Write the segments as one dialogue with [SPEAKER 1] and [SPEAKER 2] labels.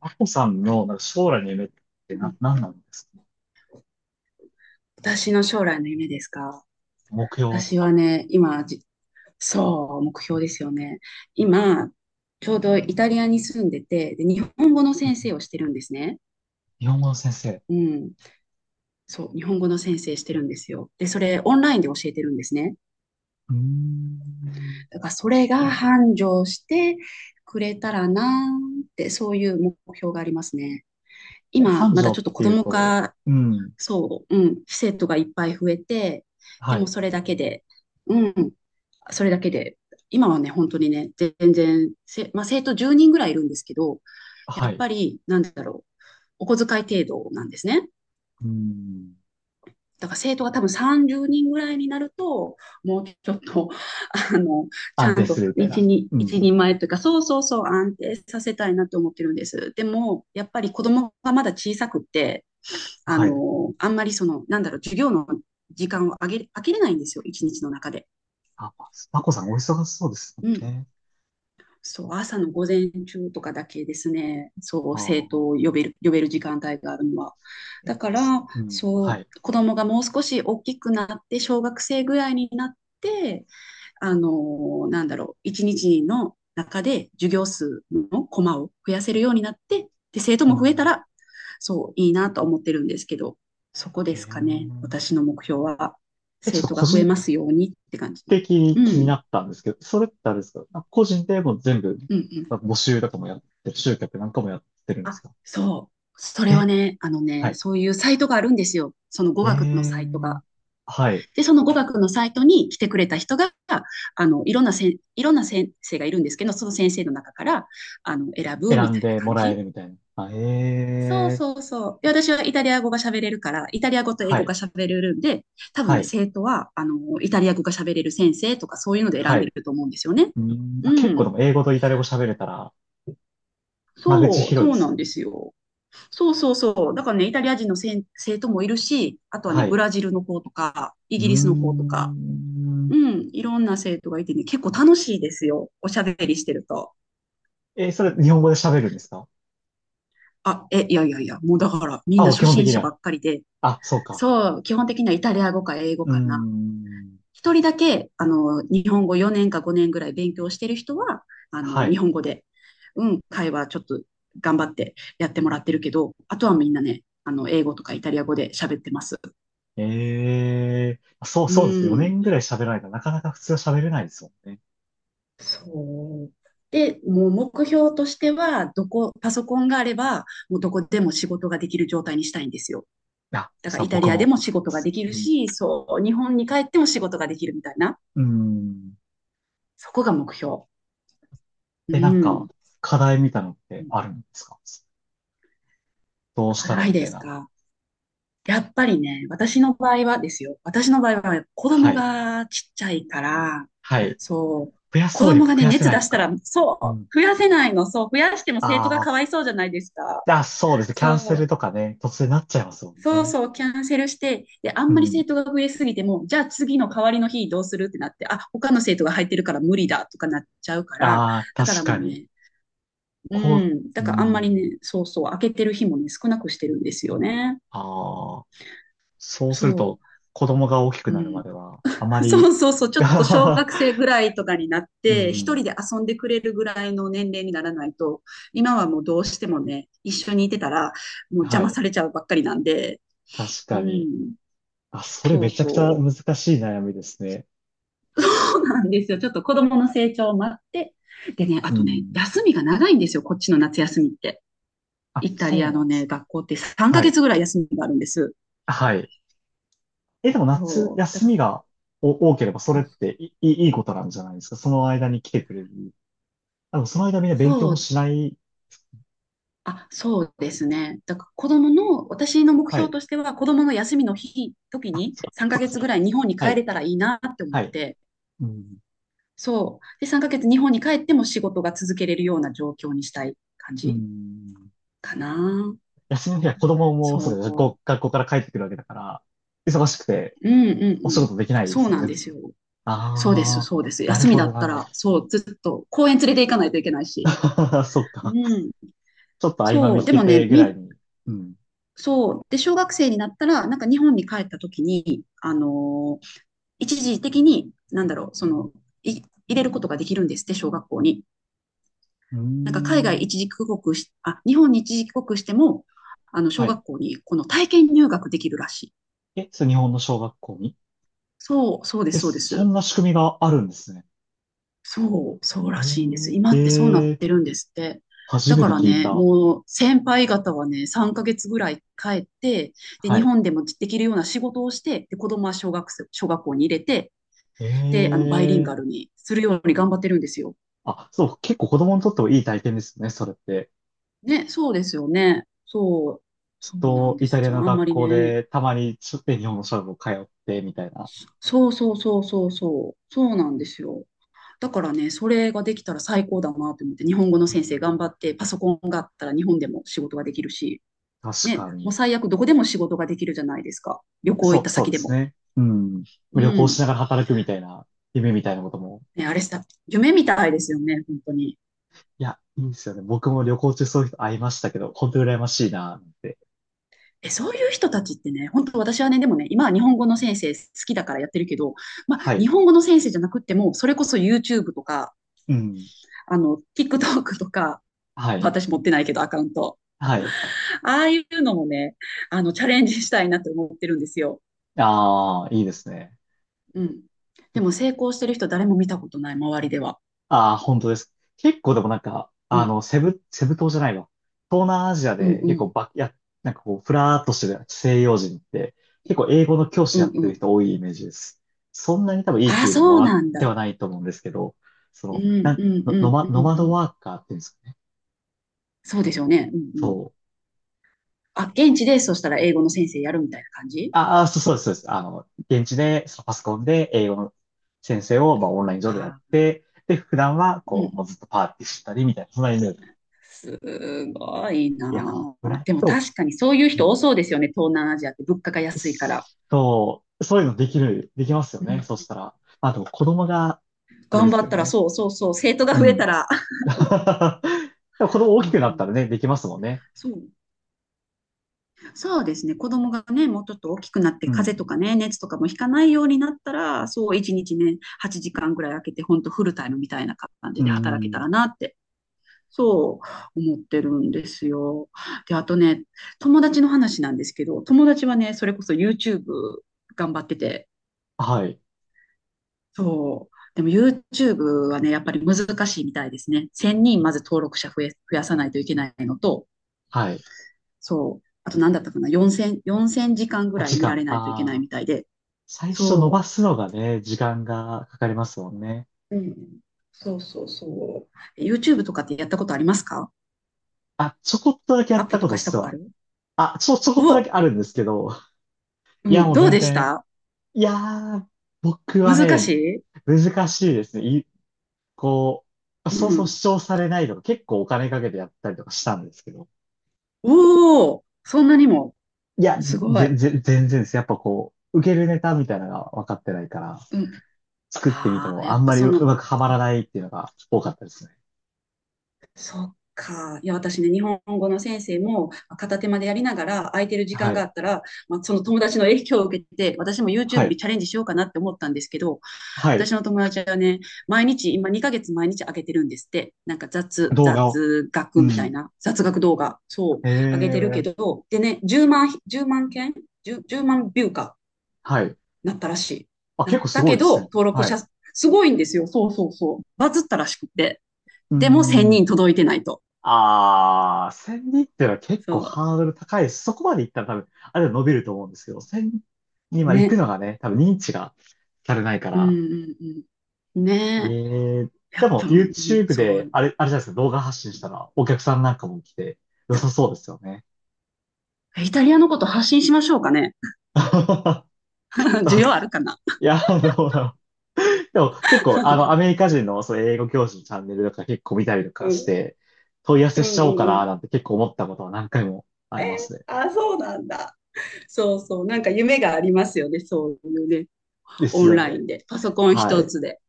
[SPEAKER 1] アコさんのなんか将来の夢って
[SPEAKER 2] う
[SPEAKER 1] な、
[SPEAKER 2] ん。
[SPEAKER 1] 何なんですか？
[SPEAKER 2] 私の将来の夢ですか？
[SPEAKER 1] 目標と
[SPEAKER 2] 私
[SPEAKER 1] か。
[SPEAKER 2] はね、今、そう、目標ですよね。今、ちょうどイタリアに住んでて、で、日本語の
[SPEAKER 1] うん。
[SPEAKER 2] 先生をしてるんですね。
[SPEAKER 1] 日本語の先生。
[SPEAKER 2] うん。そう、日本語の先生してるんですよ。で、それ、オンラインで教えてるんですね。
[SPEAKER 1] うーん。
[SPEAKER 2] だから、それが繁盛してくれたらなーって、そういう目標がありますね。
[SPEAKER 1] え、
[SPEAKER 2] 今、
[SPEAKER 1] 繁
[SPEAKER 2] まだ
[SPEAKER 1] 盛
[SPEAKER 2] ちょ
[SPEAKER 1] っ
[SPEAKER 2] っと子
[SPEAKER 1] ていう
[SPEAKER 2] 供
[SPEAKER 1] と、
[SPEAKER 2] が、
[SPEAKER 1] うん。
[SPEAKER 2] そう、うん、生徒がいっぱい増えて、で
[SPEAKER 1] は
[SPEAKER 2] も
[SPEAKER 1] い。
[SPEAKER 2] それだけで、うん、それだけで、今はね、本当にね、全然、まあ、生徒10人ぐらいいるんですけど、
[SPEAKER 1] はい。
[SPEAKER 2] なんだろう、お小遣い程度なんですね。
[SPEAKER 1] うん。
[SPEAKER 2] だから生徒が多分30人ぐらいになると、もうちょっと、あの、ちゃ
[SPEAKER 1] 安定
[SPEAKER 2] ん
[SPEAKER 1] す
[SPEAKER 2] と
[SPEAKER 1] るみたい
[SPEAKER 2] 一
[SPEAKER 1] な。
[SPEAKER 2] 人、
[SPEAKER 1] う
[SPEAKER 2] 一
[SPEAKER 1] ん。
[SPEAKER 2] 人前というか、そうそうそう、安定させたいなと思ってるんです。でも、やっぱり子供がまだ小さくって、
[SPEAKER 1] はい。
[SPEAKER 2] あんまりその、授業の時間をあげれないんですよ、一日の中で。
[SPEAKER 1] あ、アさんお忙しそうです
[SPEAKER 2] うん。
[SPEAKER 1] ね。
[SPEAKER 2] そう、朝の午前中とかだけですね、そ
[SPEAKER 1] あ
[SPEAKER 2] う、生
[SPEAKER 1] あ。
[SPEAKER 2] 徒を呼べる時間帯があるのは。
[SPEAKER 1] え、
[SPEAKER 2] だか
[SPEAKER 1] す
[SPEAKER 2] ら、
[SPEAKER 1] うん。
[SPEAKER 2] そ
[SPEAKER 1] は
[SPEAKER 2] う、
[SPEAKER 1] い。
[SPEAKER 2] 子供がもう少し大きくなって、小学生ぐらいになって、一日の中で授業数のコマを増やせるようになって、で、生徒
[SPEAKER 1] う
[SPEAKER 2] も増えた
[SPEAKER 1] ん。
[SPEAKER 2] ら、そう、いいなと思ってるんですけど、そこで
[SPEAKER 1] え
[SPEAKER 2] すかね、
[SPEAKER 1] ー、
[SPEAKER 2] 私の目標は。
[SPEAKER 1] え、ちょっ
[SPEAKER 2] 生
[SPEAKER 1] と
[SPEAKER 2] 徒が
[SPEAKER 1] 個
[SPEAKER 2] 増え
[SPEAKER 1] 人
[SPEAKER 2] ますようにって感じ。
[SPEAKER 1] 的
[SPEAKER 2] う
[SPEAKER 1] に気に
[SPEAKER 2] ん、
[SPEAKER 1] なったんですけど、それってあれですか、なんか個人でもう全部、
[SPEAKER 2] うん、うん。
[SPEAKER 1] なんか募集とかもやってる、集客なんかもやってるんです
[SPEAKER 2] あ、
[SPEAKER 1] か？
[SPEAKER 2] そう。それは
[SPEAKER 1] え、
[SPEAKER 2] ね、
[SPEAKER 1] はい。
[SPEAKER 2] そういうサイトがあるんですよ。その語
[SPEAKER 1] え
[SPEAKER 2] 学のサイト
[SPEAKER 1] ー、
[SPEAKER 2] が。
[SPEAKER 1] はい。
[SPEAKER 2] で、その語学のサイトに来てくれた人が、いろんな先生がいるんですけど、その先生の中から、選ぶ
[SPEAKER 1] 選
[SPEAKER 2] みた
[SPEAKER 1] ん
[SPEAKER 2] いな
[SPEAKER 1] でも
[SPEAKER 2] 感
[SPEAKER 1] らえ
[SPEAKER 2] じ。
[SPEAKER 1] るみたいな。あ、
[SPEAKER 2] そう
[SPEAKER 1] えー、
[SPEAKER 2] そうそう。で、私はイタリア語が喋れるから、イタリア語と英
[SPEAKER 1] は
[SPEAKER 2] 語が
[SPEAKER 1] い。
[SPEAKER 2] 喋れるんで、多分
[SPEAKER 1] は
[SPEAKER 2] ね、
[SPEAKER 1] い。
[SPEAKER 2] 生徒は、イタリア語が喋れる先生とか、そういうので選ん
[SPEAKER 1] は
[SPEAKER 2] で
[SPEAKER 1] い。
[SPEAKER 2] ると思うんですよね。
[SPEAKER 1] うん、
[SPEAKER 2] う
[SPEAKER 1] あ、結構
[SPEAKER 2] ん。
[SPEAKER 1] でも英語とイタリア語喋れたら、間口
[SPEAKER 2] そう、
[SPEAKER 1] 広いで
[SPEAKER 2] そう
[SPEAKER 1] す
[SPEAKER 2] な
[SPEAKER 1] ね。
[SPEAKER 2] んですよ。そうそうそう。だからね、イタリア人の生徒もいるし、あとはね、
[SPEAKER 1] は
[SPEAKER 2] ブ
[SPEAKER 1] い。
[SPEAKER 2] ラジルの子とか、イ
[SPEAKER 1] うー
[SPEAKER 2] ギリスの子とか、
[SPEAKER 1] ん。
[SPEAKER 2] うん、いろんな生徒がいてね、結構楽しいですよ。おしゃべりしてると。
[SPEAKER 1] えー、それ日本語で喋るんですか？
[SPEAKER 2] あ、え、いやいやいや、もうだからみん
[SPEAKER 1] あ、
[SPEAKER 2] な
[SPEAKER 1] もう基
[SPEAKER 2] 初
[SPEAKER 1] 本的
[SPEAKER 2] 心
[SPEAKER 1] に
[SPEAKER 2] 者ば
[SPEAKER 1] は。
[SPEAKER 2] っかりで、
[SPEAKER 1] あ、そうか。
[SPEAKER 2] そう、基本的にはイタリア語か英語
[SPEAKER 1] うー
[SPEAKER 2] かな。
[SPEAKER 1] ん。
[SPEAKER 2] 一人だけ、日本語4年か5年ぐらい勉強してる人は、
[SPEAKER 1] は
[SPEAKER 2] 日
[SPEAKER 1] い。
[SPEAKER 2] 本語で、うん、会話ちょっと頑張ってやってもらってるけど、あとはみんなね、英語とかイタリア語で喋ってます。
[SPEAKER 1] えー、そう、
[SPEAKER 2] う
[SPEAKER 1] そうですね。4
[SPEAKER 2] ん。
[SPEAKER 1] 年ぐらい喋らないとなかなか普通は喋れないですもんね。
[SPEAKER 2] そう。で、もう目標としては、パソコンがあれば、もうどこでも仕事ができる状態にしたいんですよ。
[SPEAKER 1] あ、
[SPEAKER 2] だから
[SPEAKER 1] そ
[SPEAKER 2] イ
[SPEAKER 1] う、
[SPEAKER 2] タリ
[SPEAKER 1] 僕
[SPEAKER 2] アで
[SPEAKER 1] も
[SPEAKER 2] も
[SPEAKER 1] わ
[SPEAKER 2] 仕
[SPEAKER 1] かり
[SPEAKER 2] 事
[SPEAKER 1] ま
[SPEAKER 2] がで
[SPEAKER 1] す。
[SPEAKER 2] きる
[SPEAKER 1] うん。
[SPEAKER 2] し、そう、日本に帰っても仕事ができるみたいな。
[SPEAKER 1] うーん。
[SPEAKER 2] そこが目標。う
[SPEAKER 1] え、なんか、
[SPEAKER 2] ん。
[SPEAKER 1] 課題みたいなのってあるんですか？どうしたら
[SPEAKER 2] 辛い
[SPEAKER 1] みた
[SPEAKER 2] で
[SPEAKER 1] い
[SPEAKER 2] す
[SPEAKER 1] な。
[SPEAKER 2] か？やっぱりね、私の場合はですよ。私の場合は子
[SPEAKER 1] は
[SPEAKER 2] 供
[SPEAKER 1] い。
[SPEAKER 2] がちっちゃいから、
[SPEAKER 1] はい。
[SPEAKER 2] そう、
[SPEAKER 1] 増や
[SPEAKER 2] 子
[SPEAKER 1] そうに
[SPEAKER 2] 供
[SPEAKER 1] も
[SPEAKER 2] が
[SPEAKER 1] 増
[SPEAKER 2] ね、
[SPEAKER 1] やせ
[SPEAKER 2] 熱
[SPEAKER 1] ない
[SPEAKER 2] 出
[SPEAKER 1] の
[SPEAKER 2] したら、
[SPEAKER 1] か。う
[SPEAKER 2] そ
[SPEAKER 1] ん。
[SPEAKER 2] う、増やせないの。そう、増やしても生徒が
[SPEAKER 1] あ
[SPEAKER 2] かわいそうじゃないですか。
[SPEAKER 1] ー、あ、そうですね。キャンセ
[SPEAKER 2] そ
[SPEAKER 1] ル
[SPEAKER 2] う
[SPEAKER 1] とかね、突然なっちゃいますもん
[SPEAKER 2] そう
[SPEAKER 1] ね。
[SPEAKER 2] そう、キャンセルして、で、あ
[SPEAKER 1] う
[SPEAKER 2] んまり
[SPEAKER 1] ん。
[SPEAKER 2] 生徒が増えすぎても、じゃあ次の代わりの日どうするってなって、あ、他の生徒が入ってるから無理だとかなっちゃうから、
[SPEAKER 1] ああ、
[SPEAKER 2] だか
[SPEAKER 1] 確
[SPEAKER 2] らも
[SPEAKER 1] か
[SPEAKER 2] う
[SPEAKER 1] に。
[SPEAKER 2] ね、う
[SPEAKER 1] こ
[SPEAKER 2] ん、だ
[SPEAKER 1] う、う
[SPEAKER 2] からあんまり
[SPEAKER 1] ん。
[SPEAKER 2] ね、そうそう、開けてる日もね、少なくしてるんですよね。
[SPEAKER 1] ああ、そうする
[SPEAKER 2] そ
[SPEAKER 1] と、子供が大きく
[SPEAKER 2] う。う
[SPEAKER 1] なるま
[SPEAKER 2] ん、
[SPEAKER 1] では、あま
[SPEAKER 2] そう
[SPEAKER 1] り、
[SPEAKER 2] そうそう、ちょっと小学生 ぐらいとかになっ
[SPEAKER 1] う
[SPEAKER 2] て、一人
[SPEAKER 1] ん。
[SPEAKER 2] で遊んでくれるぐらいの年齢にならないと、今はもうどうしてもね、一緒にいてたら、もう邪
[SPEAKER 1] は
[SPEAKER 2] 魔
[SPEAKER 1] い。
[SPEAKER 2] されちゃうばっかりなんで。
[SPEAKER 1] 確
[SPEAKER 2] う
[SPEAKER 1] かに。
[SPEAKER 2] ん、
[SPEAKER 1] あ、それ
[SPEAKER 2] そう
[SPEAKER 1] めちゃくちゃ
[SPEAKER 2] そ
[SPEAKER 1] 難
[SPEAKER 2] う。
[SPEAKER 1] しい悩みですね。
[SPEAKER 2] なんですよ。ちょっと子供の成長を待って。でね、あ
[SPEAKER 1] う
[SPEAKER 2] とね、
[SPEAKER 1] ん。
[SPEAKER 2] 休みが長いんですよ。こっちの夏休みって。
[SPEAKER 1] あ、
[SPEAKER 2] イタリ
[SPEAKER 1] そう
[SPEAKER 2] ア
[SPEAKER 1] なん
[SPEAKER 2] の
[SPEAKER 1] で
[SPEAKER 2] ね、
[SPEAKER 1] す。
[SPEAKER 2] 学校って3
[SPEAKER 1] は
[SPEAKER 2] ヶ
[SPEAKER 1] い。
[SPEAKER 2] 月ぐらい休みがあるんです。
[SPEAKER 1] はい。え、でも夏
[SPEAKER 2] そう。だ
[SPEAKER 1] 休
[SPEAKER 2] から、
[SPEAKER 1] みがお多ければそ
[SPEAKER 2] そ
[SPEAKER 1] れっ
[SPEAKER 2] うそう。
[SPEAKER 1] ていい、いいことなんじゃないですか。その間に来てくれる。あ、でもその間みんな勉強
[SPEAKER 2] そ
[SPEAKER 1] も
[SPEAKER 2] う。
[SPEAKER 1] しない。
[SPEAKER 2] あ、そうですね。だから子供の、私の目
[SPEAKER 1] は
[SPEAKER 2] 標
[SPEAKER 1] い。
[SPEAKER 2] としては、子供の休みの日、時
[SPEAKER 1] あ、
[SPEAKER 2] に
[SPEAKER 1] そ、
[SPEAKER 2] 3
[SPEAKER 1] そっか、
[SPEAKER 2] ヶ
[SPEAKER 1] そ
[SPEAKER 2] 月
[SPEAKER 1] っ
[SPEAKER 2] ぐ
[SPEAKER 1] か。
[SPEAKER 2] らい日本に
[SPEAKER 1] は
[SPEAKER 2] 帰
[SPEAKER 1] い。
[SPEAKER 2] れたらいいなって思っ
[SPEAKER 1] は
[SPEAKER 2] て
[SPEAKER 1] い。
[SPEAKER 2] て、
[SPEAKER 1] うん。
[SPEAKER 2] そう。で、3ヶ月日本に帰っても仕事が続けれるような状況にしたい感
[SPEAKER 1] う
[SPEAKER 2] じ
[SPEAKER 1] ん。
[SPEAKER 2] かな。
[SPEAKER 1] 休みの日は子供も、そうだ
[SPEAKER 2] そ
[SPEAKER 1] よね、学
[SPEAKER 2] う。
[SPEAKER 1] 校、学校から帰ってくるわけだから、忙しくて
[SPEAKER 2] うんうんう
[SPEAKER 1] お仕
[SPEAKER 2] ん。
[SPEAKER 1] 事できないで
[SPEAKER 2] そう
[SPEAKER 1] すもん
[SPEAKER 2] なん
[SPEAKER 1] ね。
[SPEAKER 2] ですよ。そうです、
[SPEAKER 1] ああ、
[SPEAKER 2] そうです。
[SPEAKER 1] なる
[SPEAKER 2] 休み
[SPEAKER 1] ほ
[SPEAKER 2] だ
[SPEAKER 1] ど、
[SPEAKER 2] っ
[SPEAKER 1] な
[SPEAKER 2] た
[SPEAKER 1] るほ
[SPEAKER 2] ら、
[SPEAKER 1] ど。
[SPEAKER 2] そう、ずっと公園連れて行かないといけないし。
[SPEAKER 1] そっ
[SPEAKER 2] う
[SPEAKER 1] か。
[SPEAKER 2] ん。
[SPEAKER 1] ちょっと合間見
[SPEAKER 2] そう、
[SPEAKER 1] つ
[SPEAKER 2] で
[SPEAKER 1] け
[SPEAKER 2] も
[SPEAKER 1] て
[SPEAKER 2] ね、
[SPEAKER 1] ぐらいに。うん。
[SPEAKER 2] そう。で、小学生になったら、なんか日本に帰った時に、一時的に、その、い、入れることができるんですって、小学校に。
[SPEAKER 1] うー
[SPEAKER 2] なんか海外
[SPEAKER 1] ん。
[SPEAKER 2] 一時帰国し、あ、日本に一時帰国しても、小
[SPEAKER 1] はい。
[SPEAKER 2] 学校にこの体験入学できるらしい。
[SPEAKER 1] え、それ日本の小学校に？
[SPEAKER 2] そう、そうで
[SPEAKER 1] え、
[SPEAKER 2] す、そうで
[SPEAKER 1] そ
[SPEAKER 2] す。
[SPEAKER 1] んな仕組みがあるんですね。
[SPEAKER 2] そう、そう
[SPEAKER 1] え
[SPEAKER 2] らしいんです。今ってそうな
[SPEAKER 1] え
[SPEAKER 2] っ
[SPEAKER 1] えー、
[SPEAKER 2] てるんですって。
[SPEAKER 1] 初
[SPEAKER 2] だ
[SPEAKER 1] め
[SPEAKER 2] か
[SPEAKER 1] て
[SPEAKER 2] ら
[SPEAKER 1] 聞い
[SPEAKER 2] ね、
[SPEAKER 1] た。
[SPEAKER 2] もう先輩方はね、3ヶ月ぐらい帰って、で、日
[SPEAKER 1] はい。
[SPEAKER 2] 本でもできるような仕事をして、で、子供は小学校に入れて、で、
[SPEAKER 1] え
[SPEAKER 2] バイリン
[SPEAKER 1] え、
[SPEAKER 2] ガルにするように頑張ってるんですよ。
[SPEAKER 1] あ、そう、結構子供にとってもいい体験ですね、それって。
[SPEAKER 2] ね、そうですよね。そう、
[SPEAKER 1] ずっ
[SPEAKER 2] そうなん
[SPEAKER 1] と
[SPEAKER 2] で
[SPEAKER 1] イタ
[SPEAKER 2] す
[SPEAKER 1] リア
[SPEAKER 2] よ。
[SPEAKER 1] の
[SPEAKER 2] あんま
[SPEAKER 1] 学
[SPEAKER 2] り
[SPEAKER 1] 校
[SPEAKER 2] ね、
[SPEAKER 1] でたまにちょっと日本の小学を通ってみたいな。
[SPEAKER 2] そうそうそうそうそう、そうなんですよ。だからね、それができたら最高だなと思って、日本語の先生頑張って、パソコンがあったら日本でも仕事ができるし、
[SPEAKER 1] 確
[SPEAKER 2] ね、
[SPEAKER 1] か
[SPEAKER 2] もう
[SPEAKER 1] に。
[SPEAKER 2] 最悪どこでも仕事ができるじゃないですか。旅行
[SPEAKER 1] そ
[SPEAKER 2] 行っ
[SPEAKER 1] う、
[SPEAKER 2] た
[SPEAKER 1] そう
[SPEAKER 2] 先
[SPEAKER 1] で
[SPEAKER 2] で
[SPEAKER 1] す
[SPEAKER 2] も。
[SPEAKER 1] ね。うん。
[SPEAKER 2] う
[SPEAKER 1] 旅行
[SPEAKER 2] ん。
[SPEAKER 1] しながら働くみたいな、夢みたいなことも。
[SPEAKER 2] ね、あれさ、夢みたいですよね、本当に。
[SPEAKER 1] いや、いいですよね。僕も旅行中そういう人会いましたけど、本当に羨ましいな、なんて。
[SPEAKER 2] え、そういう人たちってね。本当私はね、でもね、今は日本語の先生好きだからやってるけど、まあ、
[SPEAKER 1] は
[SPEAKER 2] 日
[SPEAKER 1] い。
[SPEAKER 2] 本語の先生じゃなくっても、それこそ YouTube とか、
[SPEAKER 1] うん。
[SPEAKER 2] TikTok とか。
[SPEAKER 1] はい。
[SPEAKER 2] 私持ってないけど、アカウント。
[SPEAKER 1] はい。
[SPEAKER 2] ああいうのもね、チャレンジしたいなって思ってるんですよ。
[SPEAKER 1] ああ、いいですね。
[SPEAKER 2] うん。でも成功してる人誰も見たことない、周りでは。
[SPEAKER 1] ああ、本当です。結構でもなんか、
[SPEAKER 2] うん、
[SPEAKER 1] セブ、セブ島じゃないわ。東南アジア
[SPEAKER 2] うん、
[SPEAKER 1] で
[SPEAKER 2] う
[SPEAKER 1] 結構
[SPEAKER 2] ん、
[SPEAKER 1] ば、いや、なんかこう、ふらーっとしてる西洋人って、結構英語の教
[SPEAKER 2] う
[SPEAKER 1] 師や
[SPEAKER 2] ん、
[SPEAKER 1] っ
[SPEAKER 2] う
[SPEAKER 1] てる
[SPEAKER 2] ん。
[SPEAKER 1] 人多いイメージです。そんなに多分いい
[SPEAKER 2] ああ、
[SPEAKER 1] 給料
[SPEAKER 2] そ
[SPEAKER 1] も
[SPEAKER 2] う
[SPEAKER 1] らっ
[SPEAKER 2] なん
[SPEAKER 1] て
[SPEAKER 2] だ。
[SPEAKER 1] はないと思うんですけど、そ
[SPEAKER 2] う
[SPEAKER 1] の、な
[SPEAKER 2] ん
[SPEAKER 1] ん、
[SPEAKER 2] うん
[SPEAKER 1] の、
[SPEAKER 2] う
[SPEAKER 1] ノ
[SPEAKER 2] ん
[SPEAKER 1] マ、
[SPEAKER 2] う
[SPEAKER 1] ノ
[SPEAKER 2] ん
[SPEAKER 1] マ
[SPEAKER 2] う
[SPEAKER 1] ド
[SPEAKER 2] ん。
[SPEAKER 1] ワーカーっていうんですかね。
[SPEAKER 2] そうでしょうね。うんうん。
[SPEAKER 1] そう。
[SPEAKER 2] あ、現地でそしたら英語の先生やるみたいな感じ。
[SPEAKER 1] ああ、そうそうです、そうです。現地で、そのパソコンで英語の先生を、まあ、オンライン上でやっ
[SPEAKER 2] あ
[SPEAKER 1] て、で、普段は、
[SPEAKER 2] う
[SPEAKER 1] こう、もう
[SPEAKER 2] ん。
[SPEAKER 1] ずっとパーティーしたりみたいな、そんなイメージ。
[SPEAKER 2] すごい
[SPEAKER 1] いや、ほ
[SPEAKER 2] なあ。
[SPEAKER 1] ら、
[SPEAKER 2] でも
[SPEAKER 1] と、
[SPEAKER 2] 確かにそういう
[SPEAKER 1] う
[SPEAKER 2] 人多
[SPEAKER 1] ん、
[SPEAKER 2] そうですよね。東南アジアって物価が安いから。
[SPEAKER 1] そう、そういうのできる、できますよ
[SPEAKER 2] う
[SPEAKER 1] ね。
[SPEAKER 2] ん。
[SPEAKER 1] そしたら。まあと子供が、あれで
[SPEAKER 2] 頑
[SPEAKER 1] す
[SPEAKER 2] 張
[SPEAKER 1] け
[SPEAKER 2] っ
[SPEAKER 1] ど
[SPEAKER 2] たら、
[SPEAKER 1] ね。
[SPEAKER 2] そうそうそう、生徒が
[SPEAKER 1] う
[SPEAKER 2] 増えた
[SPEAKER 1] ん。
[SPEAKER 2] ら。
[SPEAKER 1] でも子供 大
[SPEAKER 2] う
[SPEAKER 1] き
[SPEAKER 2] ん
[SPEAKER 1] くな
[SPEAKER 2] う
[SPEAKER 1] ったら
[SPEAKER 2] ん。
[SPEAKER 1] ね、できますもんね。
[SPEAKER 2] そう、そうですね。子供がね、もうちょっと大きくなって、
[SPEAKER 1] う
[SPEAKER 2] 風邪
[SPEAKER 1] ん。
[SPEAKER 2] とかね、熱とかもひかないようになったら、そう、一日ね、8時間ぐらい空けて、ほんとフルタイムみたいな感
[SPEAKER 1] う
[SPEAKER 2] じで働けた
[SPEAKER 1] ん。
[SPEAKER 2] らなってそう思ってるんですよ。で、あとね、友達の話なんですけど、友達はね、それこそ YouTube 頑張ってて、
[SPEAKER 1] はい。
[SPEAKER 2] そう。でも YouTube はね、やっぱり難しいみたいですね。1000人まず登録者増やさないといけないのと、
[SPEAKER 1] はい。
[SPEAKER 2] そう。あと何だったかな、4000、4000時間ぐ
[SPEAKER 1] あ、
[SPEAKER 2] らい
[SPEAKER 1] 時
[SPEAKER 2] 見ら
[SPEAKER 1] 間。
[SPEAKER 2] れないといけない
[SPEAKER 1] ああ。
[SPEAKER 2] みたいで、
[SPEAKER 1] 最初伸
[SPEAKER 2] そ
[SPEAKER 1] ばすのがね、時間がかかりますもんね。
[SPEAKER 2] う。うん。そうそうそう。え、 YouTube とかってやったことありますか？
[SPEAKER 1] あ、ちょこっとだけや
[SPEAKER 2] アッ
[SPEAKER 1] っ
[SPEAKER 2] プ
[SPEAKER 1] た
[SPEAKER 2] と
[SPEAKER 1] こと
[SPEAKER 2] かした
[SPEAKER 1] 実
[SPEAKER 2] ことあ
[SPEAKER 1] は。
[SPEAKER 2] る？
[SPEAKER 1] あ、ちょ、ちょこっとだけ
[SPEAKER 2] お、
[SPEAKER 1] あるんですけど。い
[SPEAKER 2] う
[SPEAKER 1] や、
[SPEAKER 2] ん、
[SPEAKER 1] もう
[SPEAKER 2] どう
[SPEAKER 1] 全
[SPEAKER 2] でし
[SPEAKER 1] 然。
[SPEAKER 2] た？
[SPEAKER 1] いやー、僕は
[SPEAKER 2] 難し
[SPEAKER 1] ね、
[SPEAKER 2] い？
[SPEAKER 1] 難しいですね。こう、
[SPEAKER 2] う
[SPEAKER 1] そうそう
[SPEAKER 2] ん。
[SPEAKER 1] 主張されないとか、結構お金かけてやったりとかしたんですけど、
[SPEAKER 2] おお、そんなにも。
[SPEAKER 1] いや、
[SPEAKER 2] すごい。
[SPEAKER 1] ぜ、全然です。やっぱこう、受けるネタみたいなのが分かってないから、
[SPEAKER 2] うん。
[SPEAKER 1] 作ってみて
[SPEAKER 2] ああ、
[SPEAKER 1] も
[SPEAKER 2] や
[SPEAKER 1] あ
[SPEAKER 2] っ
[SPEAKER 1] ん
[SPEAKER 2] ぱ
[SPEAKER 1] まりう、
[SPEAKER 2] その、
[SPEAKER 1] うまくはまらないっていうのが多かったですね。
[SPEAKER 2] そっか。いや、私ね、日本語の先生も片手間でやりながら、空いてる時
[SPEAKER 1] は
[SPEAKER 2] 間があ
[SPEAKER 1] い。
[SPEAKER 2] ったら、まあ、その友達の影響を受けて、私も
[SPEAKER 1] は
[SPEAKER 2] YouTube に
[SPEAKER 1] い。
[SPEAKER 2] チャレンジしようかなって思ったんですけど、
[SPEAKER 1] はい。
[SPEAKER 2] 私の友達はね、毎日、今2ヶ月毎日上げてるんですって。なんか雑、
[SPEAKER 1] 動画を。
[SPEAKER 2] 雑学
[SPEAKER 1] う
[SPEAKER 2] みたい
[SPEAKER 1] ん。
[SPEAKER 2] な、雑学動画、そう、
[SPEAKER 1] え
[SPEAKER 2] 上げてるけ
[SPEAKER 1] え、
[SPEAKER 2] ど、でね、10万、10万件 10, 10万ビューか。
[SPEAKER 1] はい。
[SPEAKER 2] なったらしい。
[SPEAKER 1] あ、
[SPEAKER 2] な
[SPEAKER 1] 結
[SPEAKER 2] っ
[SPEAKER 1] 構す
[SPEAKER 2] た
[SPEAKER 1] ご
[SPEAKER 2] け
[SPEAKER 1] いです
[SPEAKER 2] ど、
[SPEAKER 1] ね。
[SPEAKER 2] 登録
[SPEAKER 1] は
[SPEAKER 2] 者、
[SPEAKER 1] い。
[SPEAKER 2] すごいんですよ。そうそうそう。バズったらしくて。
[SPEAKER 1] うー
[SPEAKER 2] でも1000人
[SPEAKER 1] ん。
[SPEAKER 2] 届いてないと。
[SPEAKER 1] ああ、1000人っていうのは結
[SPEAKER 2] そ
[SPEAKER 1] 構ハードル高いです。そこまで行ったら多分、あれは伸びると思うんですけど、1000
[SPEAKER 2] う。
[SPEAKER 1] 人まで行く
[SPEAKER 2] ね。
[SPEAKER 1] のがね、多分認知がされないか
[SPEAKER 2] う
[SPEAKER 1] ら。
[SPEAKER 2] んうんうん。ね
[SPEAKER 1] え
[SPEAKER 2] え。
[SPEAKER 1] え、
[SPEAKER 2] や
[SPEAKER 1] で
[SPEAKER 2] っ
[SPEAKER 1] も
[SPEAKER 2] ぱ、うん。
[SPEAKER 1] YouTube
[SPEAKER 2] そ
[SPEAKER 1] で、
[SPEAKER 2] う。
[SPEAKER 1] あれ、あれじゃないですか、動画発信したらお客さんなんかも来て、良さそうですよね。
[SPEAKER 2] イタリアのこと発信しましょうかね。需要あるかな。
[SPEAKER 1] いや、どうだろう。でも結構、アメリカ人のその英語教師のチャンネルとか結構見たりと
[SPEAKER 2] う
[SPEAKER 1] かし
[SPEAKER 2] ん、
[SPEAKER 1] て、問い合わ
[SPEAKER 2] う
[SPEAKER 1] せ
[SPEAKER 2] ん
[SPEAKER 1] しちゃ
[SPEAKER 2] う
[SPEAKER 1] おう
[SPEAKER 2] ん
[SPEAKER 1] か
[SPEAKER 2] う
[SPEAKER 1] な
[SPEAKER 2] ん。
[SPEAKER 1] なんて結構思ったことは何回もあ
[SPEAKER 2] え、
[SPEAKER 1] りますね。
[SPEAKER 2] あ、そうなんだ。そうそう。なんか夢がありますよね。そういうね。
[SPEAKER 1] で
[SPEAKER 2] オ
[SPEAKER 1] す
[SPEAKER 2] ン
[SPEAKER 1] よ
[SPEAKER 2] ライ
[SPEAKER 1] ね。
[SPEAKER 2] ンで。パソコン
[SPEAKER 1] は
[SPEAKER 2] 一
[SPEAKER 1] い。
[SPEAKER 2] つで。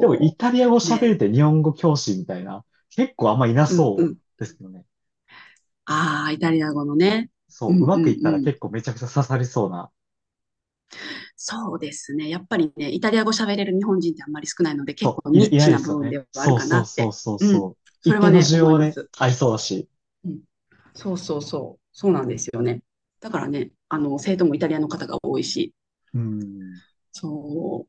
[SPEAKER 1] でも、イタリア語
[SPEAKER 2] う。
[SPEAKER 1] 喋れ
[SPEAKER 2] ね。
[SPEAKER 1] て日本語教師みたいな、結構あんまいな
[SPEAKER 2] うんう
[SPEAKER 1] そ
[SPEAKER 2] ん。
[SPEAKER 1] うですよね。
[SPEAKER 2] ああ、イタリア語のね。う
[SPEAKER 1] そう、う
[SPEAKER 2] ん
[SPEAKER 1] ま
[SPEAKER 2] う
[SPEAKER 1] くい
[SPEAKER 2] ん
[SPEAKER 1] ったら
[SPEAKER 2] うん。
[SPEAKER 1] 結構めちゃくちゃ刺さりそうな。
[SPEAKER 2] そうですね。やっぱりね、イタリア語喋れる日本人ってあんまり少ないので、結
[SPEAKER 1] そ
[SPEAKER 2] 構
[SPEAKER 1] う、いな、
[SPEAKER 2] ニッ
[SPEAKER 1] いない
[SPEAKER 2] チ
[SPEAKER 1] で
[SPEAKER 2] な
[SPEAKER 1] す
[SPEAKER 2] 部
[SPEAKER 1] よ
[SPEAKER 2] 分
[SPEAKER 1] ね。
[SPEAKER 2] ではある
[SPEAKER 1] そう
[SPEAKER 2] かな
[SPEAKER 1] そう
[SPEAKER 2] っ
[SPEAKER 1] そう
[SPEAKER 2] て。
[SPEAKER 1] そう
[SPEAKER 2] うん。
[SPEAKER 1] そう。
[SPEAKER 2] そ
[SPEAKER 1] 一
[SPEAKER 2] れ
[SPEAKER 1] 定
[SPEAKER 2] は
[SPEAKER 1] の
[SPEAKER 2] ね、
[SPEAKER 1] 需要
[SPEAKER 2] 思い
[SPEAKER 1] は
[SPEAKER 2] ま
[SPEAKER 1] ね、
[SPEAKER 2] す。
[SPEAKER 1] ありそうだし。
[SPEAKER 2] うん。そうそうそう。そうなんですよね。だからね、生徒もイタリアの方が多いし、
[SPEAKER 1] うん。
[SPEAKER 2] そう。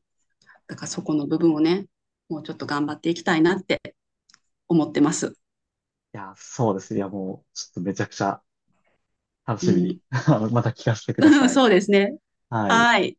[SPEAKER 2] だからそこの部分をね、もうちょっと頑張っていきたいなって思ってます。
[SPEAKER 1] いや、そうですね。いや、もう、ちょっとめちゃくちゃ楽
[SPEAKER 2] う
[SPEAKER 1] しみに、
[SPEAKER 2] ん。
[SPEAKER 1] また聞かせてくだ さい。
[SPEAKER 2] そうですね。
[SPEAKER 1] はい。
[SPEAKER 2] はい。